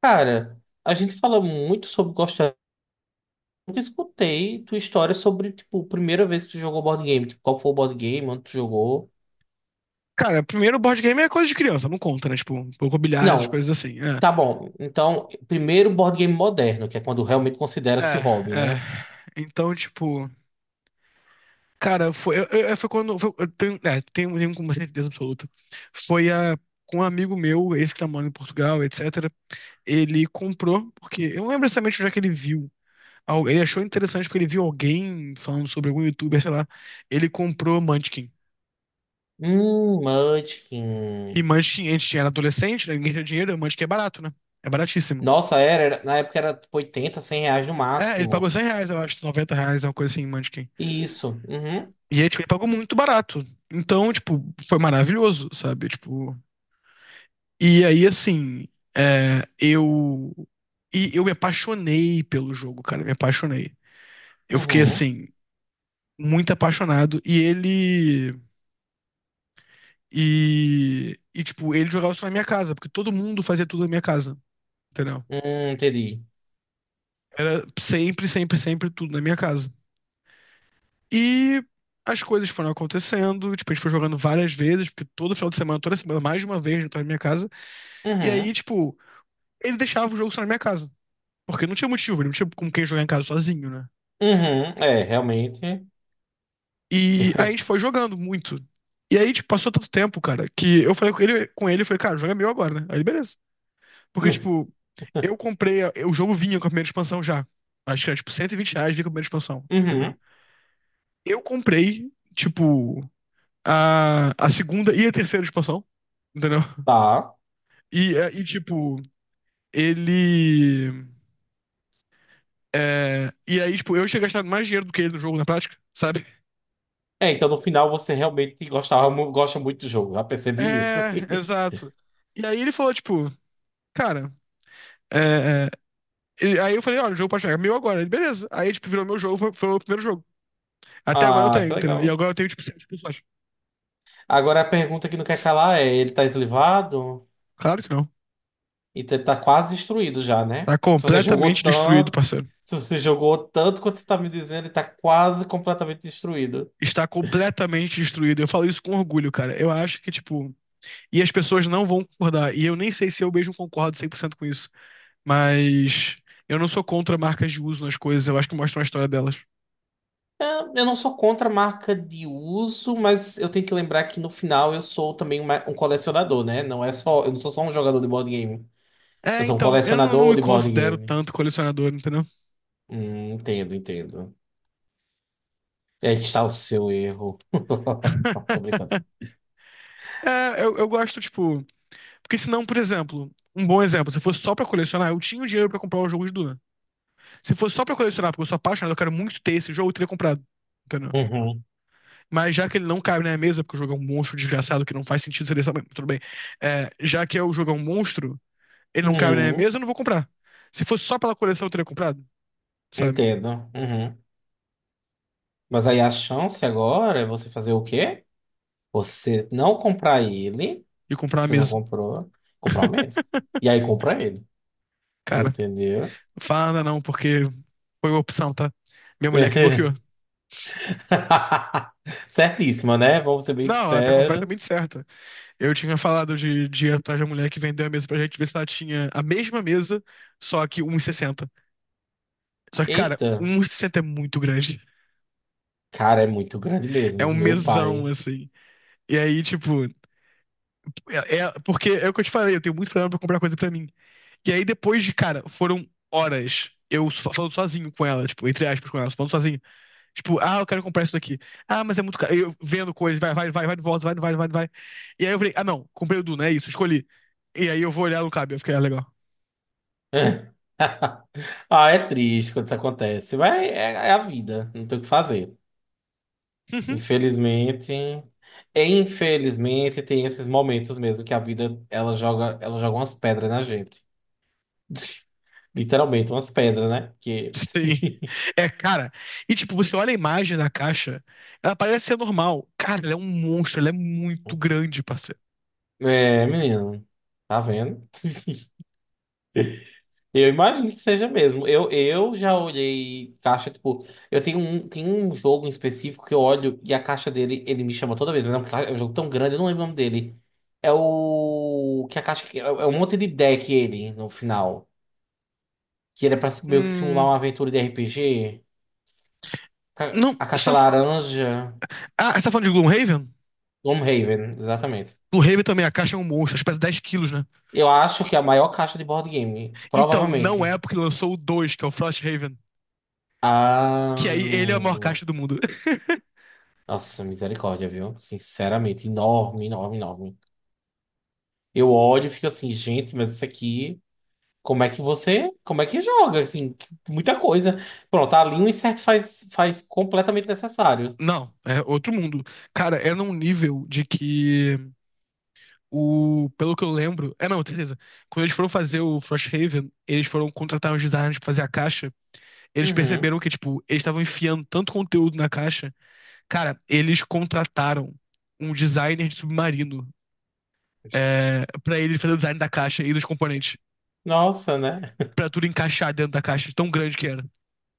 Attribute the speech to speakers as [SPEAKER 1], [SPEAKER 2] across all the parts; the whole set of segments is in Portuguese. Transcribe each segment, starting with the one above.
[SPEAKER 1] Cara, a gente fala muito sobre gostar. Nunca escutei tua história sobre, tipo, a primeira vez que tu jogou board game. Tipo, qual foi o board game, onde tu jogou.
[SPEAKER 2] Cara, primeiro board game é coisa de criança, não conta, né? Tipo, pouco bilhares, as
[SPEAKER 1] Não,
[SPEAKER 2] coisas assim.
[SPEAKER 1] tá bom. Então, primeiro board game moderno, que é quando realmente
[SPEAKER 2] É,
[SPEAKER 1] considera-se hobby,
[SPEAKER 2] é, é.
[SPEAKER 1] né?
[SPEAKER 2] Então, tipo, cara, foi, foi quando. Foi, eu tenho, tenho uma certeza absoluta. Foi com um amigo meu, esse que tá morando em Portugal, etc. Ele comprou, porque eu não lembro exatamente onde é que ele viu. Ele achou interessante porque ele viu alguém falando sobre algum youtuber, sei lá. Ele comprou Munchkin. E
[SPEAKER 1] Munchkin.
[SPEAKER 2] Munchkin, a gente tinha era adolescente, né? Ninguém tinha dinheiro, Munchkin é barato, né? É baratíssimo.
[SPEAKER 1] Nossa, na época era tipo 80, R$ 100 no
[SPEAKER 2] É, ele pagou
[SPEAKER 1] máximo.
[SPEAKER 2] R$ 100, eu acho, R$ 90, uma coisa assim, em Munchkin.
[SPEAKER 1] Isso. Uhum,
[SPEAKER 2] E aí, tipo, ele pagou muito barato. Então, tipo, foi maravilhoso, sabe? Tipo, e aí, assim, é, eu... E eu me apaixonei pelo jogo, cara, me apaixonei. Eu fiquei,
[SPEAKER 1] uhum.
[SPEAKER 2] assim, muito apaixonado. Tipo, ele jogava só na minha casa, porque todo mundo fazia tudo na minha casa, entendeu?
[SPEAKER 1] Entendi.
[SPEAKER 2] Era sempre, sempre, sempre tudo na minha casa. E as coisas foram acontecendo, tipo, a gente foi jogando várias vezes, porque todo final de semana, toda semana, mais de uma vez, ele tava na minha casa. E aí,
[SPEAKER 1] Uhum,
[SPEAKER 2] tipo, ele deixava o jogo só na minha casa. Porque não tinha motivo, ele não tinha com quem jogar em casa sozinho, né?
[SPEAKER 1] uhum. É, realmente.
[SPEAKER 2] E aí a gente foi jogando muito. E aí, tipo, passou tanto tempo, cara, que eu falei com ele, eu falei, cara, joga meu agora, né? Aí ele, beleza. Porque, tipo, eu comprei, o jogo vinha com a primeira expansão já. Acho que era, tipo, R$ 120 vinha com a primeira expansão, entendeu?
[SPEAKER 1] Uhum,
[SPEAKER 2] Eu comprei, tipo, a segunda e a terceira expansão, entendeu?
[SPEAKER 1] tá.
[SPEAKER 2] E tipo, ele. E aí, tipo, eu tinha gastado mais dinheiro do que ele no jogo na prática, sabe?
[SPEAKER 1] É, então no final você realmente gostava, gosta muito do jogo. Já percebi isso.
[SPEAKER 2] É, exato. E aí ele falou, tipo, cara. é, é, e aí eu falei, olha, o jogo pode chegar meu agora. Ele, beleza. Aí, tipo, virou meu jogo, foi o meu primeiro jogo. Até agora eu
[SPEAKER 1] Ah,
[SPEAKER 2] tenho,
[SPEAKER 1] que
[SPEAKER 2] entendeu? E
[SPEAKER 1] legal.
[SPEAKER 2] agora eu tenho, tipo, sete pessoas.
[SPEAKER 1] Agora a pergunta que não quer calar é: ele tá eslivado?
[SPEAKER 2] Claro que não.
[SPEAKER 1] Então ele tá quase destruído já,
[SPEAKER 2] Tá
[SPEAKER 1] né?
[SPEAKER 2] completamente destruído, parceiro.
[SPEAKER 1] Se você jogou tanto quanto você tá me dizendo, ele tá quase completamente destruído.
[SPEAKER 2] Está completamente destruído. Eu falo isso com orgulho, cara. Eu acho que, tipo, e as pessoas não vão concordar. E eu nem sei se eu mesmo concordo 100% com isso. Mas eu não sou contra marcas de uso nas coisas, eu acho que mostram a história delas.
[SPEAKER 1] É, eu não sou contra a marca de uso, mas eu tenho que lembrar que no final eu sou também um colecionador, né? Não é só, eu não sou só um jogador de board game. Eu
[SPEAKER 2] É,
[SPEAKER 1] sou um
[SPEAKER 2] então, eu não, não
[SPEAKER 1] colecionador
[SPEAKER 2] me
[SPEAKER 1] de board
[SPEAKER 2] considero
[SPEAKER 1] game.
[SPEAKER 2] tanto colecionador, entendeu?
[SPEAKER 1] Entendo, entendo. É, está o seu erro. Tô brincando.
[SPEAKER 2] Eu gosto, tipo. Porque senão, por exemplo, um bom exemplo, se fosse só pra colecionar, eu tinha o dinheiro pra comprar o jogo de Duna. Se fosse só pra colecionar, porque eu sou apaixonado, eu quero muito ter esse jogo, eu teria comprado. Entendeu?
[SPEAKER 1] Uhum,
[SPEAKER 2] Mas já que ele não cabe na minha mesa, porque o jogo é um monstro desgraçado que não faz sentido ser desse tamanho, tudo bem. É, já que o jogo é um monstro, ele não cabe na minha
[SPEAKER 1] uhum,
[SPEAKER 2] mesa, eu não vou comprar. Se fosse só pela coleção, eu teria comprado, sabe?
[SPEAKER 1] entendo. Uhum. Mas aí a chance agora é você fazer o quê? Você não comprar ele.
[SPEAKER 2] E comprar a
[SPEAKER 1] Você não
[SPEAKER 2] mesa.
[SPEAKER 1] comprou. Comprar o mesmo. E aí compra ele.
[SPEAKER 2] Cara,
[SPEAKER 1] Entendeu?
[SPEAKER 2] não fala nada não, porque foi uma opção, tá? Minha mulher que bloqueou.
[SPEAKER 1] Certíssima, né? Vamos ser bem
[SPEAKER 2] Não, ela tá
[SPEAKER 1] sinceros.
[SPEAKER 2] completamente certa. Eu tinha falado de ir atrás da mulher que vendeu a mesa pra gente ver se ela tinha a mesma mesa, só que 1,60. Só que, cara,
[SPEAKER 1] Eita,
[SPEAKER 2] um e sessenta é muito grande.
[SPEAKER 1] cara, é muito grande
[SPEAKER 2] É
[SPEAKER 1] mesmo.
[SPEAKER 2] um
[SPEAKER 1] Meu
[SPEAKER 2] mesão,
[SPEAKER 1] pai.
[SPEAKER 2] assim. E aí, tipo, porque é o que eu te falei, eu tenho muito problema pra comprar coisa pra mim. E aí depois de, cara, foram horas eu falando sozinho com ela, tipo, entre aspas com ela, falando sozinho. Tipo, ah, eu quero comprar isso daqui. Ah, mas é muito caro. Eu vendo coisas, vai, vai, vai, vai, volta, vai, vai, vai, vai. E aí eu falei, ah, não, comprei o Duna, é isso, escolhi. E aí eu vou olhar no cabe, eu fiquei, ah, legal.
[SPEAKER 1] Ah, é triste quando isso acontece. Mas é a vida. Não tem o que fazer.
[SPEAKER 2] Uhum.
[SPEAKER 1] Infelizmente, infelizmente tem esses momentos mesmo que a vida ela joga umas pedras na gente. Literalmente umas pedras, né? Que
[SPEAKER 2] Sim. É, cara. E tipo, você olha a imagem da caixa, ela parece ser normal. Cara, ela é um monstro, ela é muito grande, parceiro.
[SPEAKER 1] é, menino, tá vendo? Eu imagino que seja mesmo. Eu já olhei caixa, tipo, tem um jogo em específico que eu olho e a caixa dele, ele me chama toda vez, mas é um jogo tão grande, eu não lembro o nome dele. É o que a caixa é um monte de deck ele no final, que ele é para meio que simular
[SPEAKER 2] Hum.
[SPEAKER 1] uma aventura de RPG.
[SPEAKER 2] Não,
[SPEAKER 1] A
[SPEAKER 2] você
[SPEAKER 1] caixa
[SPEAKER 2] tá, fa-
[SPEAKER 1] laranja
[SPEAKER 2] ah, você tá falando de Gloomhaven?
[SPEAKER 1] Gloomhaven, exatamente.
[SPEAKER 2] Gloomhaven também, a caixa é um monstro, acho que pesa 10 quilos, né?
[SPEAKER 1] Eu acho que é a maior caixa de board game,
[SPEAKER 2] Então, não
[SPEAKER 1] provavelmente.
[SPEAKER 2] é porque lançou o 2 que é o Frosthaven.
[SPEAKER 1] Ah,
[SPEAKER 2] Que aí ele é o maior caixa do mundo.
[SPEAKER 1] nossa, misericórdia, viu? Sinceramente, enorme, enorme, enorme. Eu olho e fico assim, gente, mas isso aqui, como é que joga? Assim, muita coisa. Pronto, ali um insert faz completamente necessário.
[SPEAKER 2] Não, é outro mundo. Cara, é num nível de que o. Pelo que eu lembro. É não, certeza. Quando eles foram fazer o Frosthaven, eles foram contratar os designers pra fazer a caixa. Eles perceberam
[SPEAKER 1] Uhum.
[SPEAKER 2] que, tipo, eles estavam enfiando tanto conteúdo na caixa. Cara, eles contrataram um designer de submarino pra ele fazer o design da caixa e dos componentes.
[SPEAKER 1] Nossa, né?
[SPEAKER 2] Pra tudo encaixar dentro da caixa, tão grande que era.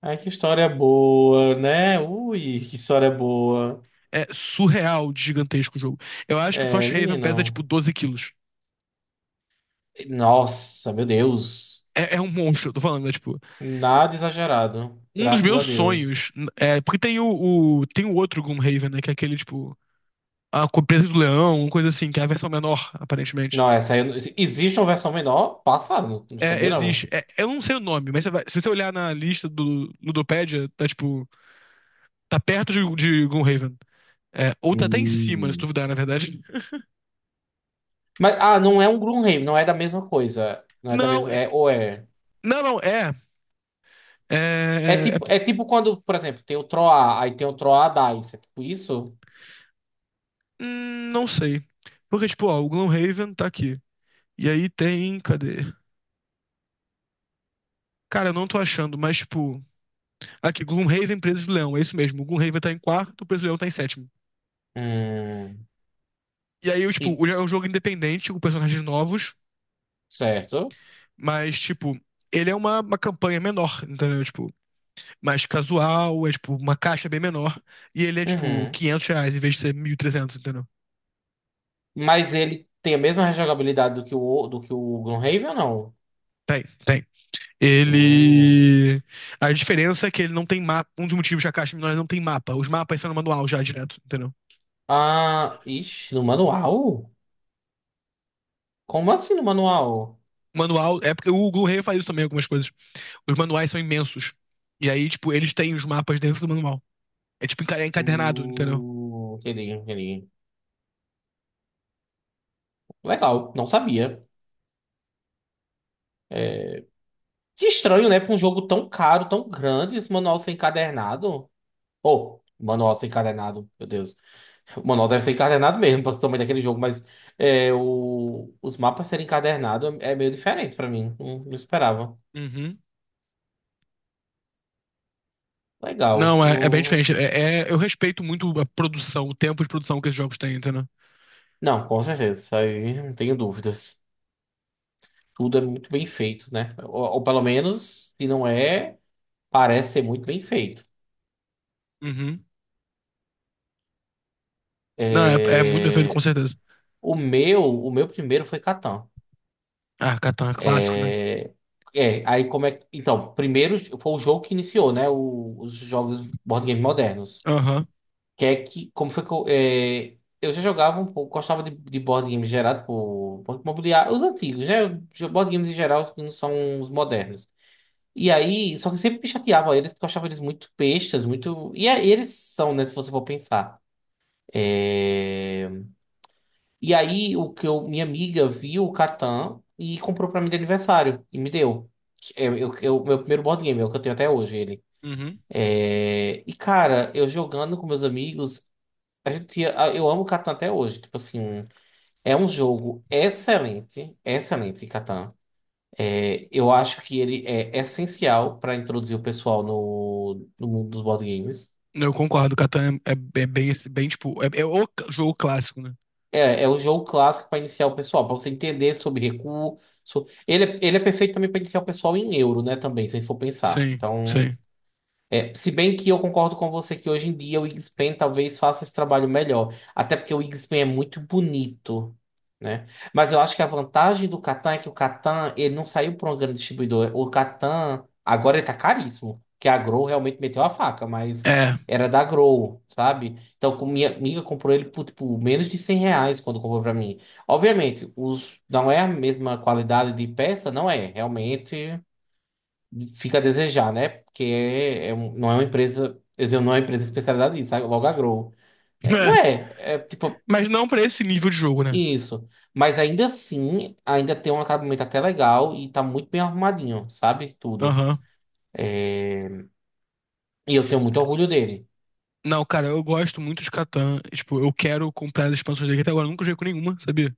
[SPEAKER 1] Ai, que história boa, né? Ui, que história boa.
[SPEAKER 2] É surreal de gigantesco o jogo. Eu acho que o
[SPEAKER 1] É,
[SPEAKER 2] Frosthaven pesa tipo
[SPEAKER 1] menino.
[SPEAKER 2] 12 quilos.
[SPEAKER 1] Nossa, meu Deus.
[SPEAKER 2] É, é um monstro, eu tô falando, né? Tipo,
[SPEAKER 1] Nada exagerado.
[SPEAKER 2] um dos
[SPEAKER 1] Graças a
[SPEAKER 2] meus
[SPEAKER 1] Deus.
[SPEAKER 2] sonhos. É, porque tem tem o outro Gloomhaven, né? Que é aquele, tipo, a Presa do Leão, uma coisa assim, que é a versão menor, aparentemente.
[SPEAKER 1] Não, essa aí. Eu não- Existe uma versão menor? Passaram. Não
[SPEAKER 2] É,
[SPEAKER 1] sabia, não.
[SPEAKER 2] existe. É, eu não sei o nome, mas se você olhar na lista do Ludopedia, tá tipo. Tá perto de Gloomhaven. É, ou tá até em cima, se
[SPEAKER 1] Hum.
[SPEAKER 2] duvidar, na verdade.
[SPEAKER 1] Mas, ah, não é um Gloomhaven, não é da mesma coisa. Não é da
[SPEAKER 2] Não,
[SPEAKER 1] mesma.
[SPEAKER 2] é,
[SPEAKER 1] É, ou é.
[SPEAKER 2] não, é.
[SPEAKER 1] É
[SPEAKER 2] É, é.
[SPEAKER 1] tipo, é tipo quando, por exemplo, tem o Troar, aí tem o Troar Dice. É tipo isso?
[SPEAKER 2] Não sei. Porque, tipo, ó, o Gloomhaven tá aqui. E aí tem. Cadê? Cara, eu não tô achando, mas, tipo. Aqui, Gloomhaven, Preso de Leão, é isso mesmo. O Gloomhaven tá em quarto, o Preso de Leão tá em sétimo.
[SPEAKER 1] Hum.
[SPEAKER 2] E aí, eu, tipo,
[SPEAKER 1] E-
[SPEAKER 2] é um jogo independente, com personagens novos,
[SPEAKER 1] Certo.
[SPEAKER 2] mas, tipo, ele é uma campanha menor, entendeu? Tipo, mais casual, é, tipo, uma caixa bem menor. E ele é, tipo,
[SPEAKER 1] Uhum.
[SPEAKER 2] R$ 500 em vez de ser 1.300, entendeu?
[SPEAKER 1] Mas ele tem a mesma rejogabilidade do que o Gloomhaven ou não?
[SPEAKER 2] Tem, tem.
[SPEAKER 1] Hum.
[SPEAKER 2] Ele. A diferença é que ele não tem mapa. Um dos motivos que a caixa menor não tem mapa. Os mapas são no manual já direto, entendeu?
[SPEAKER 1] Ah, ixi, no manual? Como assim no manual?
[SPEAKER 2] O manual. É porque o Blu-ray faz isso também, algumas coisas. Os manuais são imensos. E aí, tipo, eles têm os mapas dentro do manual. É é encadernado, entendeu?
[SPEAKER 1] Aquele, aquele. Legal, não sabia. É, que estranho, né? Pra um jogo tão caro, tão grande, esse manual ser encadernado. Oh, manual ser encadernado, meu Deus. O manual deve ser encadernado mesmo, para o tamanho daquele jogo, mas os mapas serem encadernados é meio diferente pra mim. Não, não esperava.
[SPEAKER 2] Uhum.
[SPEAKER 1] Legal.
[SPEAKER 2] Não, é, é bem
[SPEAKER 1] Hum.
[SPEAKER 2] diferente. Eu respeito muito a produção, o tempo de produção que esses jogos têm, entendeu?
[SPEAKER 1] Não, com certeza, isso aí não tenho dúvidas. Tudo é muito bem feito, né? Ou pelo menos, se não é, parece ser muito bem feito.
[SPEAKER 2] Uhum. Não, é, é muito bem feito com
[SPEAKER 1] É,
[SPEAKER 2] certeza.
[SPEAKER 1] o meu primeiro foi Catan.
[SPEAKER 2] Ah, Catan é clássico, né?
[SPEAKER 1] É, aí como é que. Então, primeiro foi o jogo que iniciou, né? Os jogos board game modernos.
[SPEAKER 2] Aham.
[SPEAKER 1] Que é que, como foi que eu. É, eu já jogava um pouco, gostava de board games gerado por Banco Imobiliário, os antigos, né? Board games em geral que não são os modernos. E aí, só que eu sempre me chateava eles, porque eu achava eles muito bestas, muito. Eles são, né? Se você for pensar. É, e aí, minha amiga viu o Catan e comprou pra mim de aniversário e me deu. É, meu primeiro board game, é o que eu tenho até hoje, ele.
[SPEAKER 2] Uhum.
[SPEAKER 1] É, e, cara, eu jogando com meus amigos, a gente, tinha- a- eu amo Catan até hoje. Tipo assim, é um jogo excelente, excelente, Catan. É, eu acho que ele é essencial pra introduzir o pessoal no mundo dos board games.
[SPEAKER 2] Eu concordo, é bem, bem, tipo, é, é o jogo clássico, né?
[SPEAKER 1] É, é o jogo clássico para iniciar o pessoal, para você entender sobre recuo. Ele é perfeito também para iniciar o pessoal em euro, né? Também, se a gente for pensar.
[SPEAKER 2] Sim,
[SPEAKER 1] Então.
[SPEAKER 2] sim.
[SPEAKER 1] É, se bem que eu concordo com você que hoje em dia o Wingspan talvez faça esse trabalho melhor. Até porque o Wingspan é muito bonito, né? Mas eu acho que a vantagem do Catan é que o Catan, ele não saiu por um grande distribuidor. O Catan, agora ele tá caríssimo. Que a Grow realmente meteu a faca, mas
[SPEAKER 2] É.
[SPEAKER 1] era da Grow, sabe? Então, minha amiga comprou ele por, tipo, menos de R$ 100 quando comprou pra mim. Obviamente, não é a mesma qualidade de peça, não é. Realmente fica a desejar, né? Porque não é uma empresa, quer dizer, não é uma empresa especializada nisso, sabe? Logo a É, não
[SPEAKER 2] É.
[SPEAKER 1] é, é tipo
[SPEAKER 2] Mas não pra esse nível de jogo, né?
[SPEAKER 1] isso. Mas ainda assim, ainda tem um acabamento até legal e tá muito bem arrumadinho, sabe? Tudo.
[SPEAKER 2] Aham.
[SPEAKER 1] E eu tenho muito orgulho dele.
[SPEAKER 2] Não, cara, eu gosto muito de Catan. Tipo, eu quero comprar as expansões dele que até agora eu nunca joguei com nenhuma, sabia?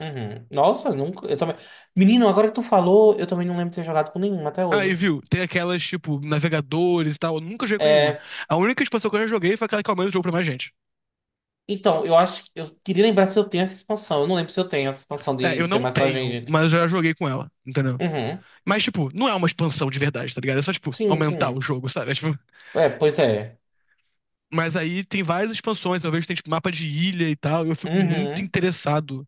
[SPEAKER 1] Uhum. Nossa, nunca, eu também. Menino, agora que tu falou, eu também não lembro de ter jogado com nenhum até
[SPEAKER 2] Aí,
[SPEAKER 1] hoje.
[SPEAKER 2] viu? Tem aquelas, tipo, navegadores e tal. Eu nunca joguei com nenhuma.
[SPEAKER 1] É,
[SPEAKER 2] A única expansão que eu já joguei foi aquela que aumenta o jogo pra mais gente.
[SPEAKER 1] então, eu acho que eu queria lembrar se eu tenho essa expansão. Eu não lembro se eu tenho essa expansão
[SPEAKER 2] É,
[SPEAKER 1] de
[SPEAKER 2] eu
[SPEAKER 1] ter
[SPEAKER 2] não
[SPEAKER 1] mais pra
[SPEAKER 2] tenho,
[SPEAKER 1] gente.
[SPEAKER 2] mas eu já joguei com ela, entendeu?
[SPEAKER 1] Uhum.
[SPEAKER 2] Mas, tipo, não é uma expansão de verdade, tá ligado? É só, tipo,
[SPEAKER 1] Sim,
[SPEAKER 2] aumentar o
[SPEAKER 1] sim.
[SPEAKER 2] jogo, sabe? É, tipo,
[SPEAKER 1] É, pois é.
[SPEAKER 2] mas aí tem várias expansões. Eu vejo que tem, tipo, mapa de ilha e tal. E eu fico muito
[SPEAKER 1] Uhum.
[SPEAKER 2] interessado.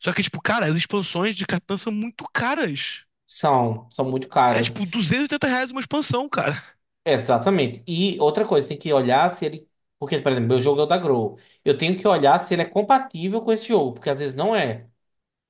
[SPEAKER 2] Só que, tipo, cara, as expansões de Catan são muito caras.
[SPEAKER 1] São muito
[SPEAKER 2] É,
[SPEAKER 1] caras.
[SPEAKER 2] tipo, R$ 280 uma expansão, cara.
[SPEAKER 1] Exatamente. E outra coisa, tem que olhar se ele. Porque, por exemplo, meu jogo é o da Grow. Eu tenho que olhar se ele é compatível com esse jogo, porque às vezes não é,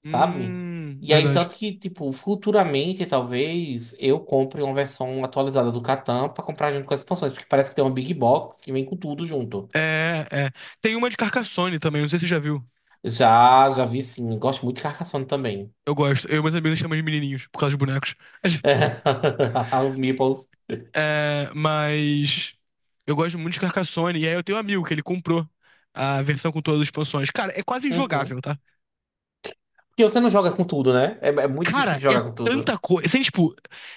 [SPEAKER 1] sabe? E aí,
[SPEAKER 2] Verdade.
[SPEAKER 1] tanto que, tipo, futuramente, talvez eu compre uma versão atualizada do Catan pra comprar junto com as expansões, porque parece que tem uma Big Box que vem com tudo junto.
[SPEAKER 2] É, é. Tem uma de Carcassonne também, não sei se você já viu.
[SPEAKER 1] Já, já vi sim. Gosto muito de Carcassonne também.
[SPEAKER 2] Eu gosto. Eu e meus amigos chamam de menininhos, por causa dos bonecos.
[SPEAKER 1] Os meeples.
[SPEAKER 2] É, mas eu gosto muito de Carcassonne. E aí eu tenho um amigo que ele comprou a versão com todas as expansões. Cara, é quase
[SPEAKER 1] Uhum.
[SPEAKER 2] injogável, tá?
[SPEAKER 1] Porque você não joga com tudo, né? É muito
[SPEAKER 2] Cara,
[SPEAKER 1] difícil
[SPEAKER 2] é
[SPEAKER 1] jogar com
[SPEAKER 2] tanta
[SPEAKER 1] tudo.
[SPEAKER 2] coisa. Assim, tipo,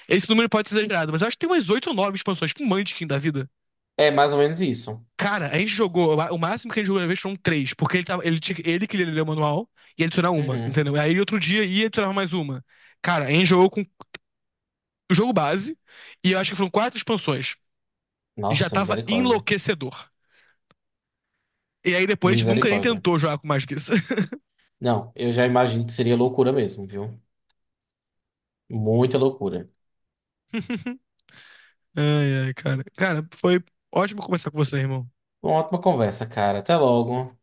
[SPEAKER 2] esse número pode ser exagerado, mas eu acho que tem umas oito ou nove expansões, tipo Munchkin da vida.
[SPEAKER 1] É mais ou menos isso.
[SPEAKER 2] Cara, a gente jogou, o máximo que a gente jogou na vez foram três, porque ele, tava, ele, tinha- ele queria ler o manual e adicionar uma,
[SPEAKER 1] Uhum.
[SPEAKER 2] entendeu? Aí outro dia ia adicionar mais uma. Cara, a gente jogou com o jogo base, e eu acho que foram quatro expansões. Já
[SPEAKER 1] Nossa,
[SPEAKER 2] tava
[SPEAKER 1] misericórdia.
[SPEAKER 2] enlouquecedor. E aí depois a gente nunca nem
[SPEAKER 1] Misericórdia.
[SPEAKER 2] tentou jogar com mais que isso.
[SPEAKER 1] Não, eu já imagino que seria loucura mesmo, viu? Muita loucura.
[SPEAKER 2] Ai, ai, cara. Cara, foi ótimo conversar com você, irmão.
[SPEAKER 1] Uma ótima conversa, cara. Até logo.